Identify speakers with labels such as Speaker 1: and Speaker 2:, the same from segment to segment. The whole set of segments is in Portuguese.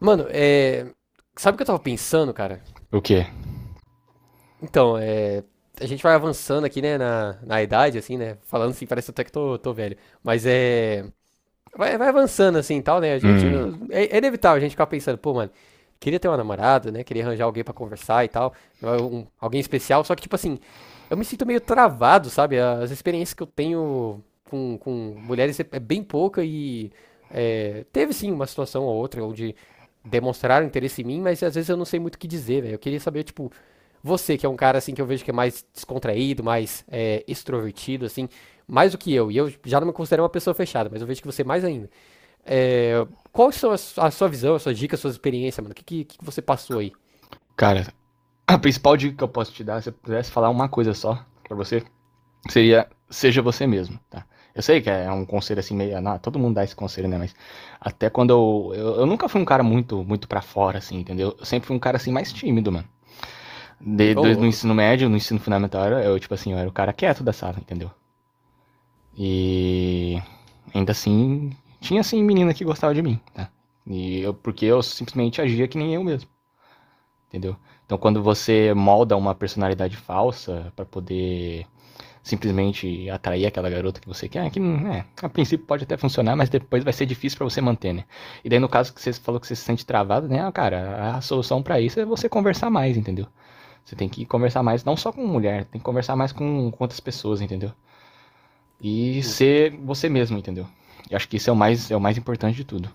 Speaker 1: Mano, é. Sabe o que eu tava pensando, cara?
Speaker 2: O quê?
Speaker 1: Então. A gente vai avançando aqui, né, na idade, assim, né? Falando assim, parece até que tô velho. Mas é. Vai avançando assim e tal, né? A gente.
Speaker 2: Hum.
Speaker 1: É, é inevitável a gente ficar pensando, pô, mano, queria ter uma namorada, né? Queria arranjar alguém pra conversar e tal. Alguém especial. Só que, tipo assim, eu me sinto meio travado, sabe? As experiências que eu tenho com mulheres é bem pouca e. É, teve sim uma situação ou outra onde demonstraram interesse em mim, mas às vezes eu não sei muito o que dizer, velho. Eu queria saber, tipo, você que é um cara assim que eu vejo que é mais descontraído, mais extrovertido, assim mais do que eu, e eu já não me considero uma pessoa fechada, mas eu vejo que você mais ainda. É, qual são sua visão, as suas dicas, as suas experiências, mano? O que você passou aí?
Speaker 2: Cara, a principal dica que eu posso te dar, se eu pudesse falar uma coisa só pra você, seria seja você mesmo, tá? Eu sei que é um conselho assim meio. Não, todo mundo dá esse conselho, né? Mas até quando eu. Eu nunca fui um cara muito muito para fora, assim, entendeu? Eu sempre fui um cara assim mais tímido, mano.
Speaker 1: Ô,
Speaker 2: Desde no
Speaker 1: louco.
Speaker 2: ensino médio, no ensino fundamental, tipo assim, eu era o cara quieto da sala, entendeu? E ainda assim, tinha assim menina que gostava de mim, tá? E eu, porque eu simplesmente agia que nem eu mesmo. Entendeu? Então, quando você molda uma personalidade falsa para poder simplesmente atrair aquela garota que você quer, é que né, a princípio pode até funcionar, mas depois vai ser difícil para você manter, né? E daí, no caso que você falou que você se sente travado, né? Ah, cara, a solução para isso é você conversar mais, entendeu? Você tem que conversar mais, não só com mulher, tem que conversar mais com outras pessoas, entendeu? E ser você mesmo, entendeu? Eu acho que isso é o mais importante de tudo.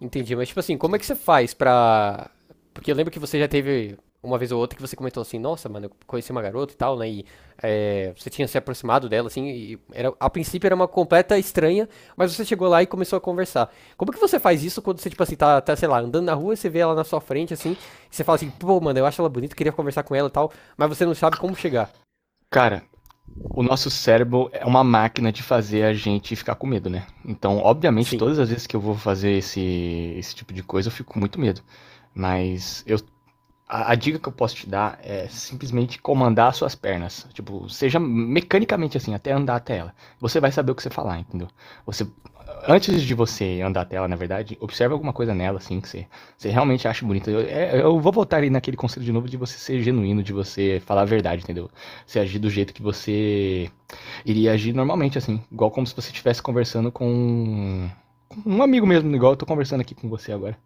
Speaker 1: Entendi, mas tipo assim, como é que você faz pra. Porque eu lembro que você já teve uma vez ou outra que você comentou assim, nossa, mano, eu conheci uma garota e tal, né? E é, você tinha se aproximado dela, assim, e era, a princípio era uma completa estranha, mas você chegou lá e começou a conversar. Como que você faz isso quando você, tipo assim, tá, sei lá, andando na rua, e você vê ela na sua frente, assim, e você fala assim, pô, mano, eu acho ela bonita, queria conversar com ela e tal, mas você não sabe como chegar.
Speaker 2: Cara, o nosso cérebro é uma máquina de fazer a gente ficar com medo, né? Então, obviamente,
Speaker 1: Sim,
Speaker 2: todas as vezes que eu vou fazer esse tipo de coisa, eu fico com muito medo. Mas eu, a dica que eu posso te dar é simplesmente comandar as suas pernas. Tipo, seja mecanicamente assim, até andar até ela. Você vai saber o que você falar, entendeu? Você, antes de você andar até ela, na verdade, observe alguma coisa nela, assim, que você realmente acha bonita. Eu vou voltar ali naquele conselho de novo de você ser genuíno, de você falar a verdade, entendeu? Você agir do jeito que você iria agir normalmente, assim, igual como se você estivesse conversando com um amigo mesmo, igual eu tô conversando aqui com você agora.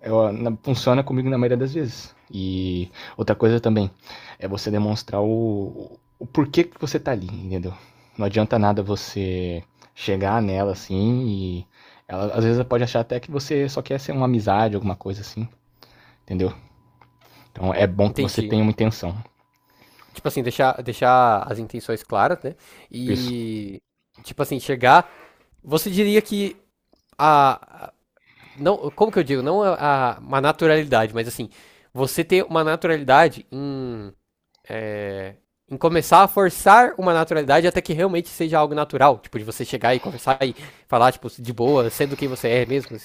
Speaker 2: Eu, na, funciona comigo na maioria das vezes. E outra coisa também é você demonstrar o porquê que você tá ali, entendeu? Não adianta nada você chegar nela assim e ela às vezes pode achar até que você só quer ser uma amizade, alguma coisa assim, entendeu? Então é bom que você
Speaker 1: entendi.
Speaker 2: tenha uma intenção.
Speaker 1: Tipo assim, deixar as intenções claras, né?
Speaker 2: Isso.
Speaker 1: E, tipo assim, chegar. Você diria que a. Não, como que eu digo? Não uma naturalidade, mas assim, você ter uma naturalidade em, em começar a forçar uma naturalidade até que realmente seja algo natural. Tipo, de você chegar e conversar e falar, tipo, de boa, sendo quem você é mesmo.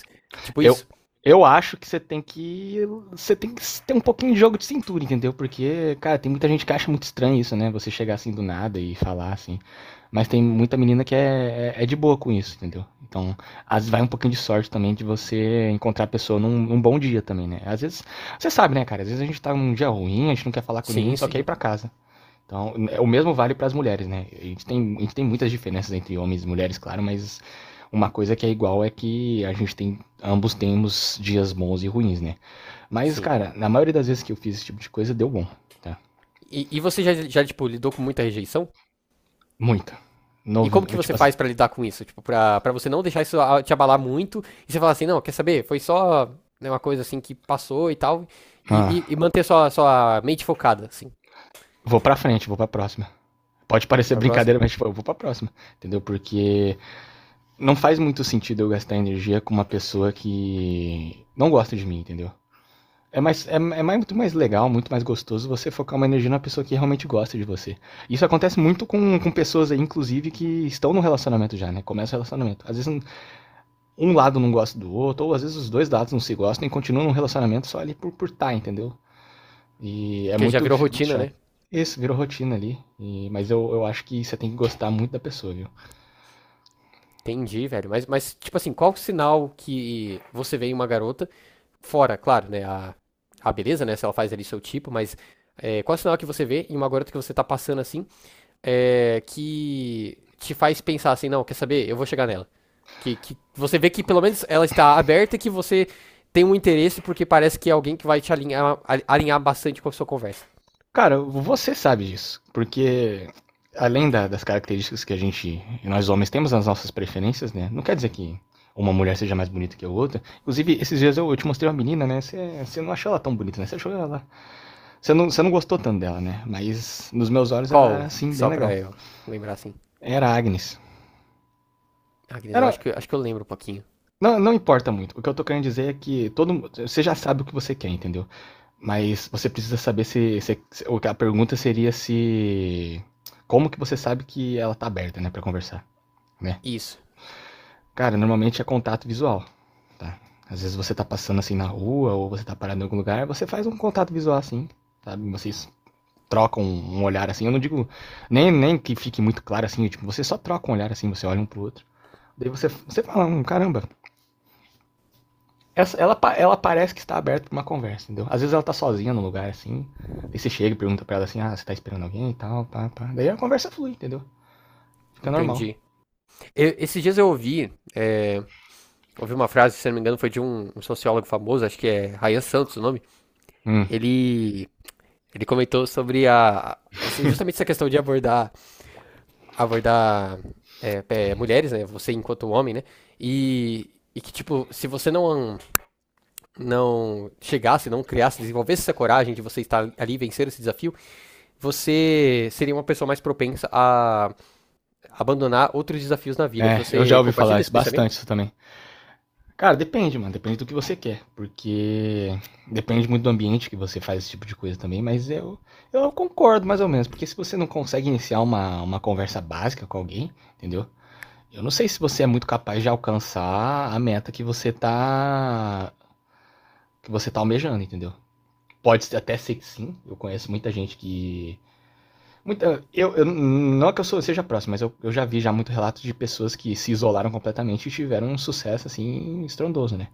Speaker 1: Tipo
Speaker 2: Eu,
Speaker 1: isso.
Speaker 2: eu acho que você tem que. Você tem que ter um pouquinho de jogo de cintura, entendeu? Porque, cara, tem muita gente que acha muito estranho isso, né? Você chegar assim do nada e falar assim. Mas tem muita menina que é de boa com isso, entendeu? Então, às vezes vai um pouquinho de sorte também de você encontrar a pessoa num bom dia também, né? Às vezes, você sabe, né, cara? Às vezes a gente tá num dia ruim, a gente não quer falar com ninguém,
Speaker 1: Sim,
Speaker 2: só quer ir
Speaker 1: sim,
Speaker 2: pra casa. Então, o mesmo vale para as mulheres, né? A gente tem muitas diferenças entre homens e mulheres, claro, mas uma coisa que é igual é que ambos temos dias bons e ruins, né? Mas,
Speaker 1: sim.
Speaker 2: cara, na maioria das vezes que eu fiz esse tipo de coisa, deu bom, tá?
Speaker 1: E você já, já, tipo, lidou com muita rejeição?
Speaker 2: Muita.
Speaker 1: E
Speaker 2: Novo,
Speaker 1: como que você
Speaker 2: tipo assim,
Speaker 1: faz pra lidar com isso? Tipo, pra você não deixar isso te abalar muito e você falar assim, não, quer saber? Foi só né, uma coisa assim que passou e tal.
Speaker 2: ah,
Speaker 1: E, e manter sua, sua mente focada, assim.
Speaker 2: vou pra frente, vou pra próxima. Pode
Speaker 1: Vai
Speaker 2: parecer
Speaker 1: pra próxima.
Speaker 2: brincadeira, mas tipo, eu vou pra próxima, entendeu? Porque não faz muito sentido eu gastar energia com uma pessoa que não gosta de mim, entendeu? É, mais, é, é mais- muito mais legal, muito mais gostoso você focar uma energia na pessoa que realmente gosta de você. Isso acontece muito com pessoas aí, inclusive, que estão no relacionamento já, né? Começa o relacionamento. Às vezes um lado não gosta do outro, ou às vezes os dois lados não se gostam e continuam num relacionamento só ali por tá, entendeu? E é
Speaker 1: Porque já
Speaker 2: muito,
Speaker 1: virou
Speaker 2: fica muito
Speaker 1: rotina, né?
Speaker 2: chato. Isso, virou rotina ali. Mas eu acho que você tem que gostar muito da pessoa, viu?
Speaker 1: Entendi, velho. Mas, tipo assim, qual o sinal que você vê em uma garota? Fora, claro, né? A beleza, né? Se ela faz ali seu tipo, mas é, qual o sinal que você vê em uma garota que você tá passando assim? É, que te faz pensar assim, não, quer saber? Eu vou chegar nela. Que você vê que pelo menos ela está aberta e que você tem um interesse porque parece que é alguém que vai te alinhar, alinhar bastante com a sua conversa.
Speaker 2: Cara, você sabe disso, porque além das características que a gente, nós homens, temos nas nossas preferências, né? Não quer dizer que uma mulher seja mais bonita que a outra. Inclusive, esses dias eu te mostrei uma menina, né? Você não achou ela tão bonita, né? Você achou ela. Você não gostou tanto dela, né? Mas nos meus olhos ela era,
Speaker 1: Qual?
Speaker 2: assim, bem
Speaker 1: Só pra
Speaker 2: legal.
Speaker 1: eu lembrar assim.
Speaker 2: Era a Agnes.
Speaker 1: Ah, Guinness, eu
Speaker 2: Era,
Speaker 1: acho que eu lembro um pouquinho.
Speaker 2: não, não importa muito. O que eu tô querendo dizer é que você já sabe o que você quer, entendeu? Mas você precisa saber se. O que A pergunta seria se. Como que você sabe que ela tá aberta, né, pra conversar, né?
Speaker 1: Isso.
Speaker 2: Cara, normalmente é contato visual, tá? Às vezes você tá passando assim na rua ou você tá parado em algum lugar, você faz um contato visual assim, sabe? Vocês trocam um olhar assim. Eu não digo nem que fique muito claro assim, tipo, você só troca um olhar assim, você olha um pro outro. Daí você fala, caramba, ela parece que está aberta para uma conversa, entendeu? Às vezes ela tá sozinha no lugar, assim. Aí você chega e pergunta pra ela assim, ah, você tá esperando alguém e tal, pá, pá. Daí a conversa flui, entendeu? Fica normal.
Speaker 1: Entendi. Esses dias eu ouvi, é, ouvi uma frase, se não me engano, foi de um, um sociólogo famoso, acho que é Ryan Santos o nome.
Speaker 2: Hum,
Speaker 1: Ele, ele comentou sobre justamente essa questão de abordar, abordar é, é, mulheres, né? Você enquanto homem, né? E que, tipo, se você não, não chegasse, não criasse, desenvolvesse essa coragem de você estar ali e vencer esse desafio, você seria uma pessoa mais propensa a abandonar outros desafios na vida.
Speaker 2: eu já
Speaker 1: Você
Speaker 2: ouvi falar
Speaker 1: compartilha
Speaker 2: isso,
Speaker 1: esse
Speaker 2: bastante
Speaker 1: pensamento?
Speaker 2: isso também. Cara, depende, mano, depende do que você quer. Porque depende muito do ambiente que você faz esse tipo de coisa também, mas eu concordo mais ou menos. Porque se você não consegue iniciar uma conversa básica com alguém, entendeu? Eu não sei se você é muito capaz de alcançar a meta que você tá almejando, entendeu? Pode até ser que sim. Eu conheço muita gente que. Muita, eu não é que seja próximo, mas eu já vi já muito relatos de pessoas que se isolaram completamente e tiveram um sucesso assim estrondoso, né?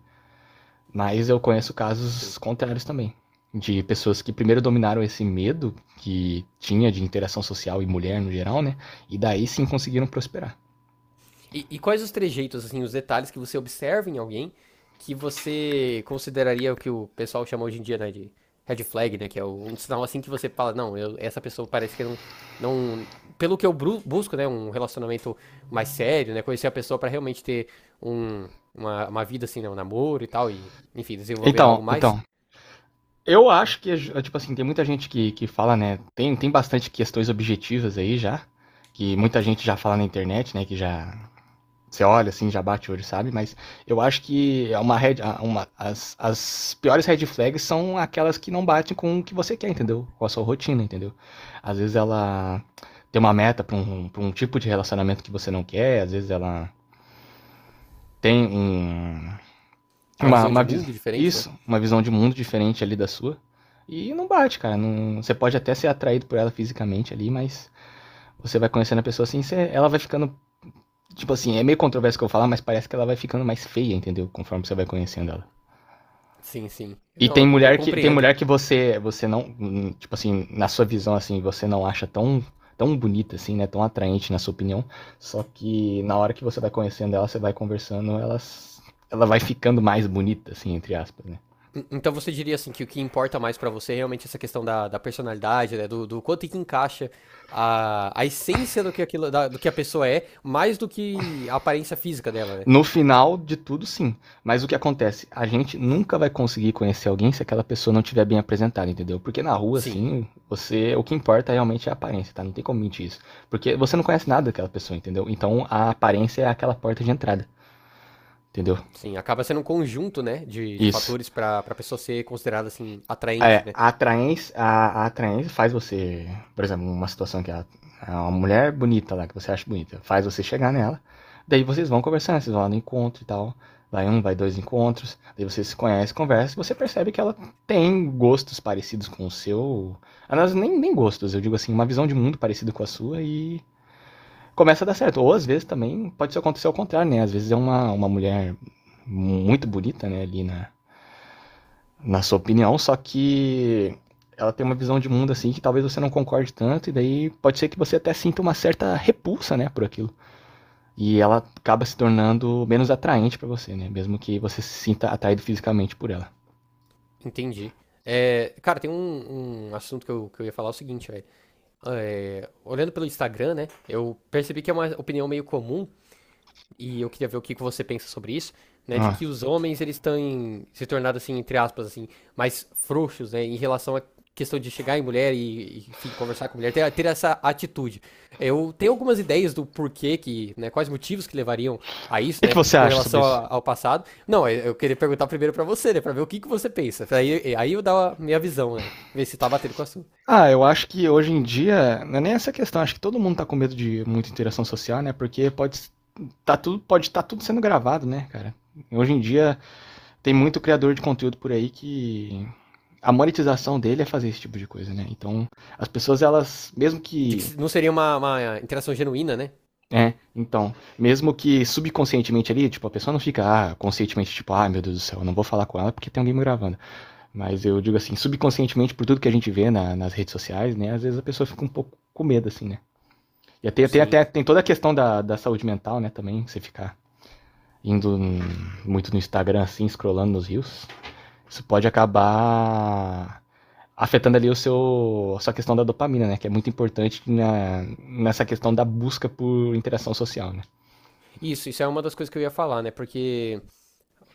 Speaker 2: Mas eu conheço casos
Speaker 1: Sim.
Speaker 2: contrários também. De pessoas que primeiro dominaram esse medo que tinha de interação social e mulher no geral, né? E daí sim conseguiram prosperar.
Speaker 1: E quais os trejeitos, assim, os detalhes que você observa em alguém que você consideraria o que o pessoal chama hoje em dia, né, de red flag, né, que é um sinal assim que você fala, não, essa pessoa parece que não, não, pelo que eu busco, né, um relacionamento mais sério, né, conhecer a pessoa pra realmente ter um, uma vida assim, né, um namoro e tal, e, enfim, desenvolver algo
Speaker 2: Então,
Speaker 1: mais,
Speaker 2: então, eu
Speaker 1: né,
Speaker 2: acho que, tipo assim, tem muita gente que fala, né? Tem bastante questões objetivas aí já, que muita gente já fala na internet, né? Que já. Você olha assim, já bate o olho, sabe? Mas eu acho que é uma red, a- uma, as piores red flags são aquelas que não batem com o que você quer, entendeu? Com a sua rotina, entendeu? Às vezes ela tem uma meta pra um tipo de relacionamento que você não quer, às vezes ela tem um,
Speaker 1: uma
Speaker 2: uma,
Speaker 1: visão de
Speaker 2: uma, vis-
Speaker 1: mundo diferente, né?
Speaker 2: Isso, uma visão de mundo diferente ali da sua. E não bate, cara. Não, você pode até ser atraído por ela fisicamente ali, mas você vai conhecendo a pessoa assim, ela vai ficando. Tipo assim, é meio controverso o que eu falar, mas parece que ela vai ficando mais feia, entendeu? Conforme você vai conhecendo ela.
Speaker 1: Sim, sim.
Speaker 2: E
Speaker 1: Não,
Speaker 2: tem
Speaker 1: eu, eu
Speaker 2: mulher que tem
Speaker 1: compreendo.
Speaker 2: mulher que você não, tipo assim, na sua visão assim, você não acha tão tão bonita assim, né? Tão atraente na sua opinião, só que na hora que você vai conhecendo ela, você vai conversando, ela vai ficando mais bonita assim, entre aspas, né?
Speaker 1: Então você diria assim que o que importa mais pra você é realmente essa questão da, da personalidade, né? Do, do quanto que encaixa a essência do que aquilo, do que a pessoa é, mais do que a aparência física dela, né?
Speaker 2: No final de tudo, sim. Mas o que acontece? A gente nunca vai conseguir conhecer alguém se aquela pessoa não tiver bem apresentada, entendeu? Porque na rua,
Speaker 1: Sim,
Speaker 2: assim, você. O que importa realmente é a aparência, tá? Não tem como mentir isso. Porque você não conhece nada daquela pessoa, entendeu? Então a aparência é aquela porta de entrada, entendeu?
Speaker 1: sim. Acaba sendo um conjunto, né, de
Speaker 2: Isso.
Speaker 1: fatores pra para pessoa ser considerada assim atraente,
Speaker 2: É,
Speaker 1: né?
Speaker 2: a atraência faz você, por exemplo, uma situação que é uma mulher bonita lá, que você acha bonita, faz você chegar nela, daí vocês vão conversando, vocês vão lá no encontro e tal, vai um, vai dois encontros, daí você se conhece, conversa, e você percebe que ela tem gostos parecidos com o seu, aliás, nem gostos, eu digo assim, uma visão de mundo parecida com a sua e começa a dar certo, ou às vezes também pode acontecer ao contrário, né, às vezes é uma mulher muito bonita, né, ali na sua opinião, só que ela tem uma visão de mundo assim que talvez você não concorde tanto, e daí pode ser que você até sinta uma certa repulsa, né, por aquilo. E ela acaba se tornando menos atraente para você, né, mesmo que você se sinta atraído fisicamente por ela.
Speaker 1: Entendi. É, cara, tem um, um assunto que eu ia falar é o seguinte, velho. É, olhando pelo Instagram, né? Eu percebi que é uma opinião meio comum e eu queria ver o que que você pensa sobre isso, né, de
Speaker 2: Ah.
Speaker 1: que os homens eles estão se tornando assim, entre aspas, assim, mais frouxos, né, em relação à questão de chegar em mulher e, enfim, conversar com mulher, ter, ter essa atitude. Eu tenho algumas ideias do porquê que, né, quais motivos que levariam a
Speaker 2: O
Speaker 1: isso,
Speaker 2: que
Speaker 1: né,
Speaker 2: você
Speaker 1: com
Speaker 2: acha sobre
Speaker 1: relação
Speaker 2: isso?
Speaker 1: ao passado. Não, eu queria perguntar primeiro pra você, né, para ver o que que você pensa. Aí, aí eu dar a minha visão, né, ver se tá batendo com a sua.
Speaker 2: Ah, eu acho que hoje em dia, não é nem essa questão, acho que todo mundo tá com medo de muita interação social, né, porque pode estar tudo sendo gravado, né, cara? Hoje em dia tem muito criador de conteúdo por aí que a monetização dele é fazer esse tipo de coisa, né? Então, as pessoas, elas, mesmo
Speaker 1: De que
Speaker 2: que,
Speaker 1: não seria uma interação genuína, né?
Speaker 2: né? Então, mesmo que subconscientemente ali, tipo, a pessoa não fica, ah, conscientemente, tipo, ah, meu Deus do céu, eu não vou falar com ela porque tem alguém me gravando. Mas eu digo assim, subconscientemente, por tudo que a gente vê nas redes sociais, né? Às vezes a pessoa fica um pouco com medo, assim, né? E até, tem,
Speaker 1: Sim.
Speaker 2: até, tem toda a questão da saúde mental, né? Também, você ficar indo muito no Instagram, assim, scrollando nos rios. Isso pode acabar afetando ali o seu a sua questão da dopamina, né? Que é muito importante nessa questão da busca por interação social, né?
Speaker 1: Isso é uma das coisas que eu ia falar, né? Porque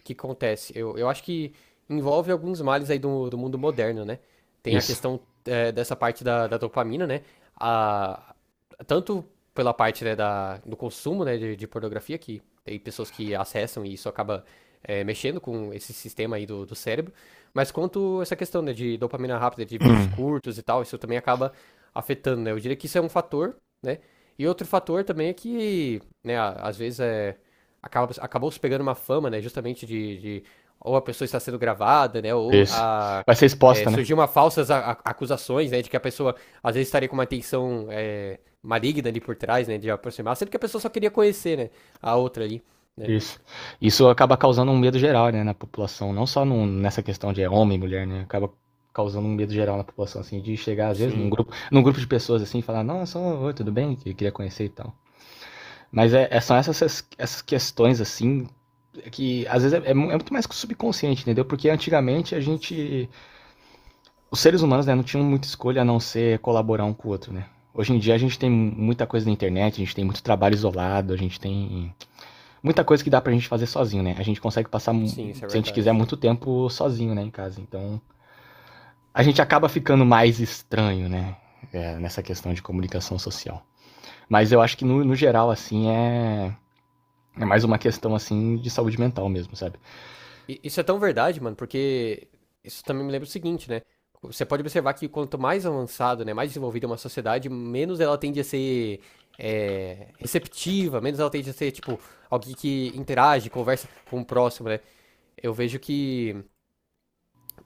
Speaker 1: que acontece? Eu acho que envolve alguns males aí do, do mundo moderno, né? Tem a
Speaker 2: Isso.
Speaker 1: questão é, dessa parte da, da dopamina, né? A, tanto pela parte né, da, do consumo né, de pornografia, que tem pessoas que acessam e isso acaba é, mexendo com esse sistema aí do, do cérebro, mas quanto essa questão né, de dopamina rápida, de vídeos
Speaker 2: Hum,
Speaker 1: curtos e tal, isso também acaba afetando, né? Eu diria que isso é um fator, né? E outro fator também é que, né, às vezes é, acaba, acabou se pegando uma fama, né? Justamente de ou a pessoa está sendo gravada, né? Ou
Speaker 2: isso.
Speaker 1: a,
Speaker 2: Vai ser
Speaker 1: é,
Speaker 2: exposta, né?
Speaker 1: surgiu uma falsas acusações, né? De que a pessoa às vezes estaria com uma intenção é, maligna ali por trás, né? De aproximar, sendo que a pessoa só queria conhecer, né? A outra ali, né?
Speaker 2: Isso. Isso acaba causando um medo geral, né, na população, não só nessa questão de é homem, e mulher, né? Acaba causando um medo geral na população, assim, de chegar às vezes num
Speaker 1: Sim,
Speaker 2: grupo, num grupo de pessoas assim, e falar, nossa, oi, tudo bem, eu queria conhecer e tal. Mas são essas questões assim que às vezes é muito mais subconsciente, entendeu? Porque antigamente a gente os seres humanos, né, não tinham muita escolha a não ser colaborar um com o outro, né? Hoje em dia a gente tem muita coisa na internet, a gente tem muito trabalho isolado, a gente tem muita coisa que dá pra gente fazer sozinho, né? A gente consegue passar,
Speaker 1: sim, isso
Speaker 2: se
Speaker 1: é
Speaker 2: a gente quiser,
Speaker 1: verdade.
Speaker 2: muito tempo sozinho, né, em casa. Então, a gente acaba ficando mais estranho, né? É, nessa questão de comunicação social. Mas eu acho que no geral, assim, é. É mais uma questão, assim, de saúde mental mesmo, sabe?
Speaker 1: Isso é tão verdade, mano, porque isso também me lembra o seguinte, né? Você pode observar que quanto mais avançado, né, mais desenvolvida é uma sociedade, menos ela tende a ser é, receptiva, menos ela tende a ser, tipo, alguém que interage, conversa com o próximo, né? Eu vejo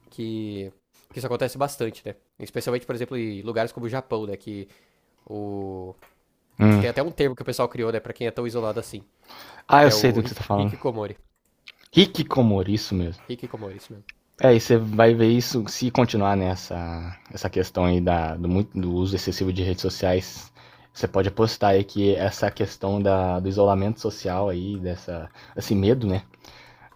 Speaker 1: que, que isso acontece bastante, né? Especialmente, por exemplo, em lugares como o Japão, né? Que o...
Speaker 2: Hum.
Speaker 1: tem até um termo que o pessoal criou, né, pra quem é tão isolado assim,
Speaker 2: Ah,
Speaker 1: que
Speaker 2: eu
Speaker 1: é
Speaker 2: sei do
Speaker 1: o
Speaker 2: que você tá falando.
Speaker 1: Hikikomori.
Speaker 2: Hikikomori, isso mesmo.
Speaker 1: Hikikomori, isso mesmo.
Speaker 2: É, e você vai ver isso se continuar nessa essa questão aí do uso excessivo de redes sociais. Você pode apostar aí que essa questão do isolamento social aí, esse medo, né?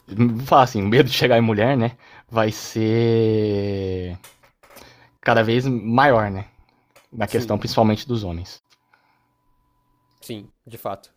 Speaker 2: Vou falar assim, o medo de chegar em mulher, né? Vai ser cada vez maior, né? Na questão
Speaker 1: Sim,
Speaker 2: principalmente dos homens.
Speaker 1: sim, de fato.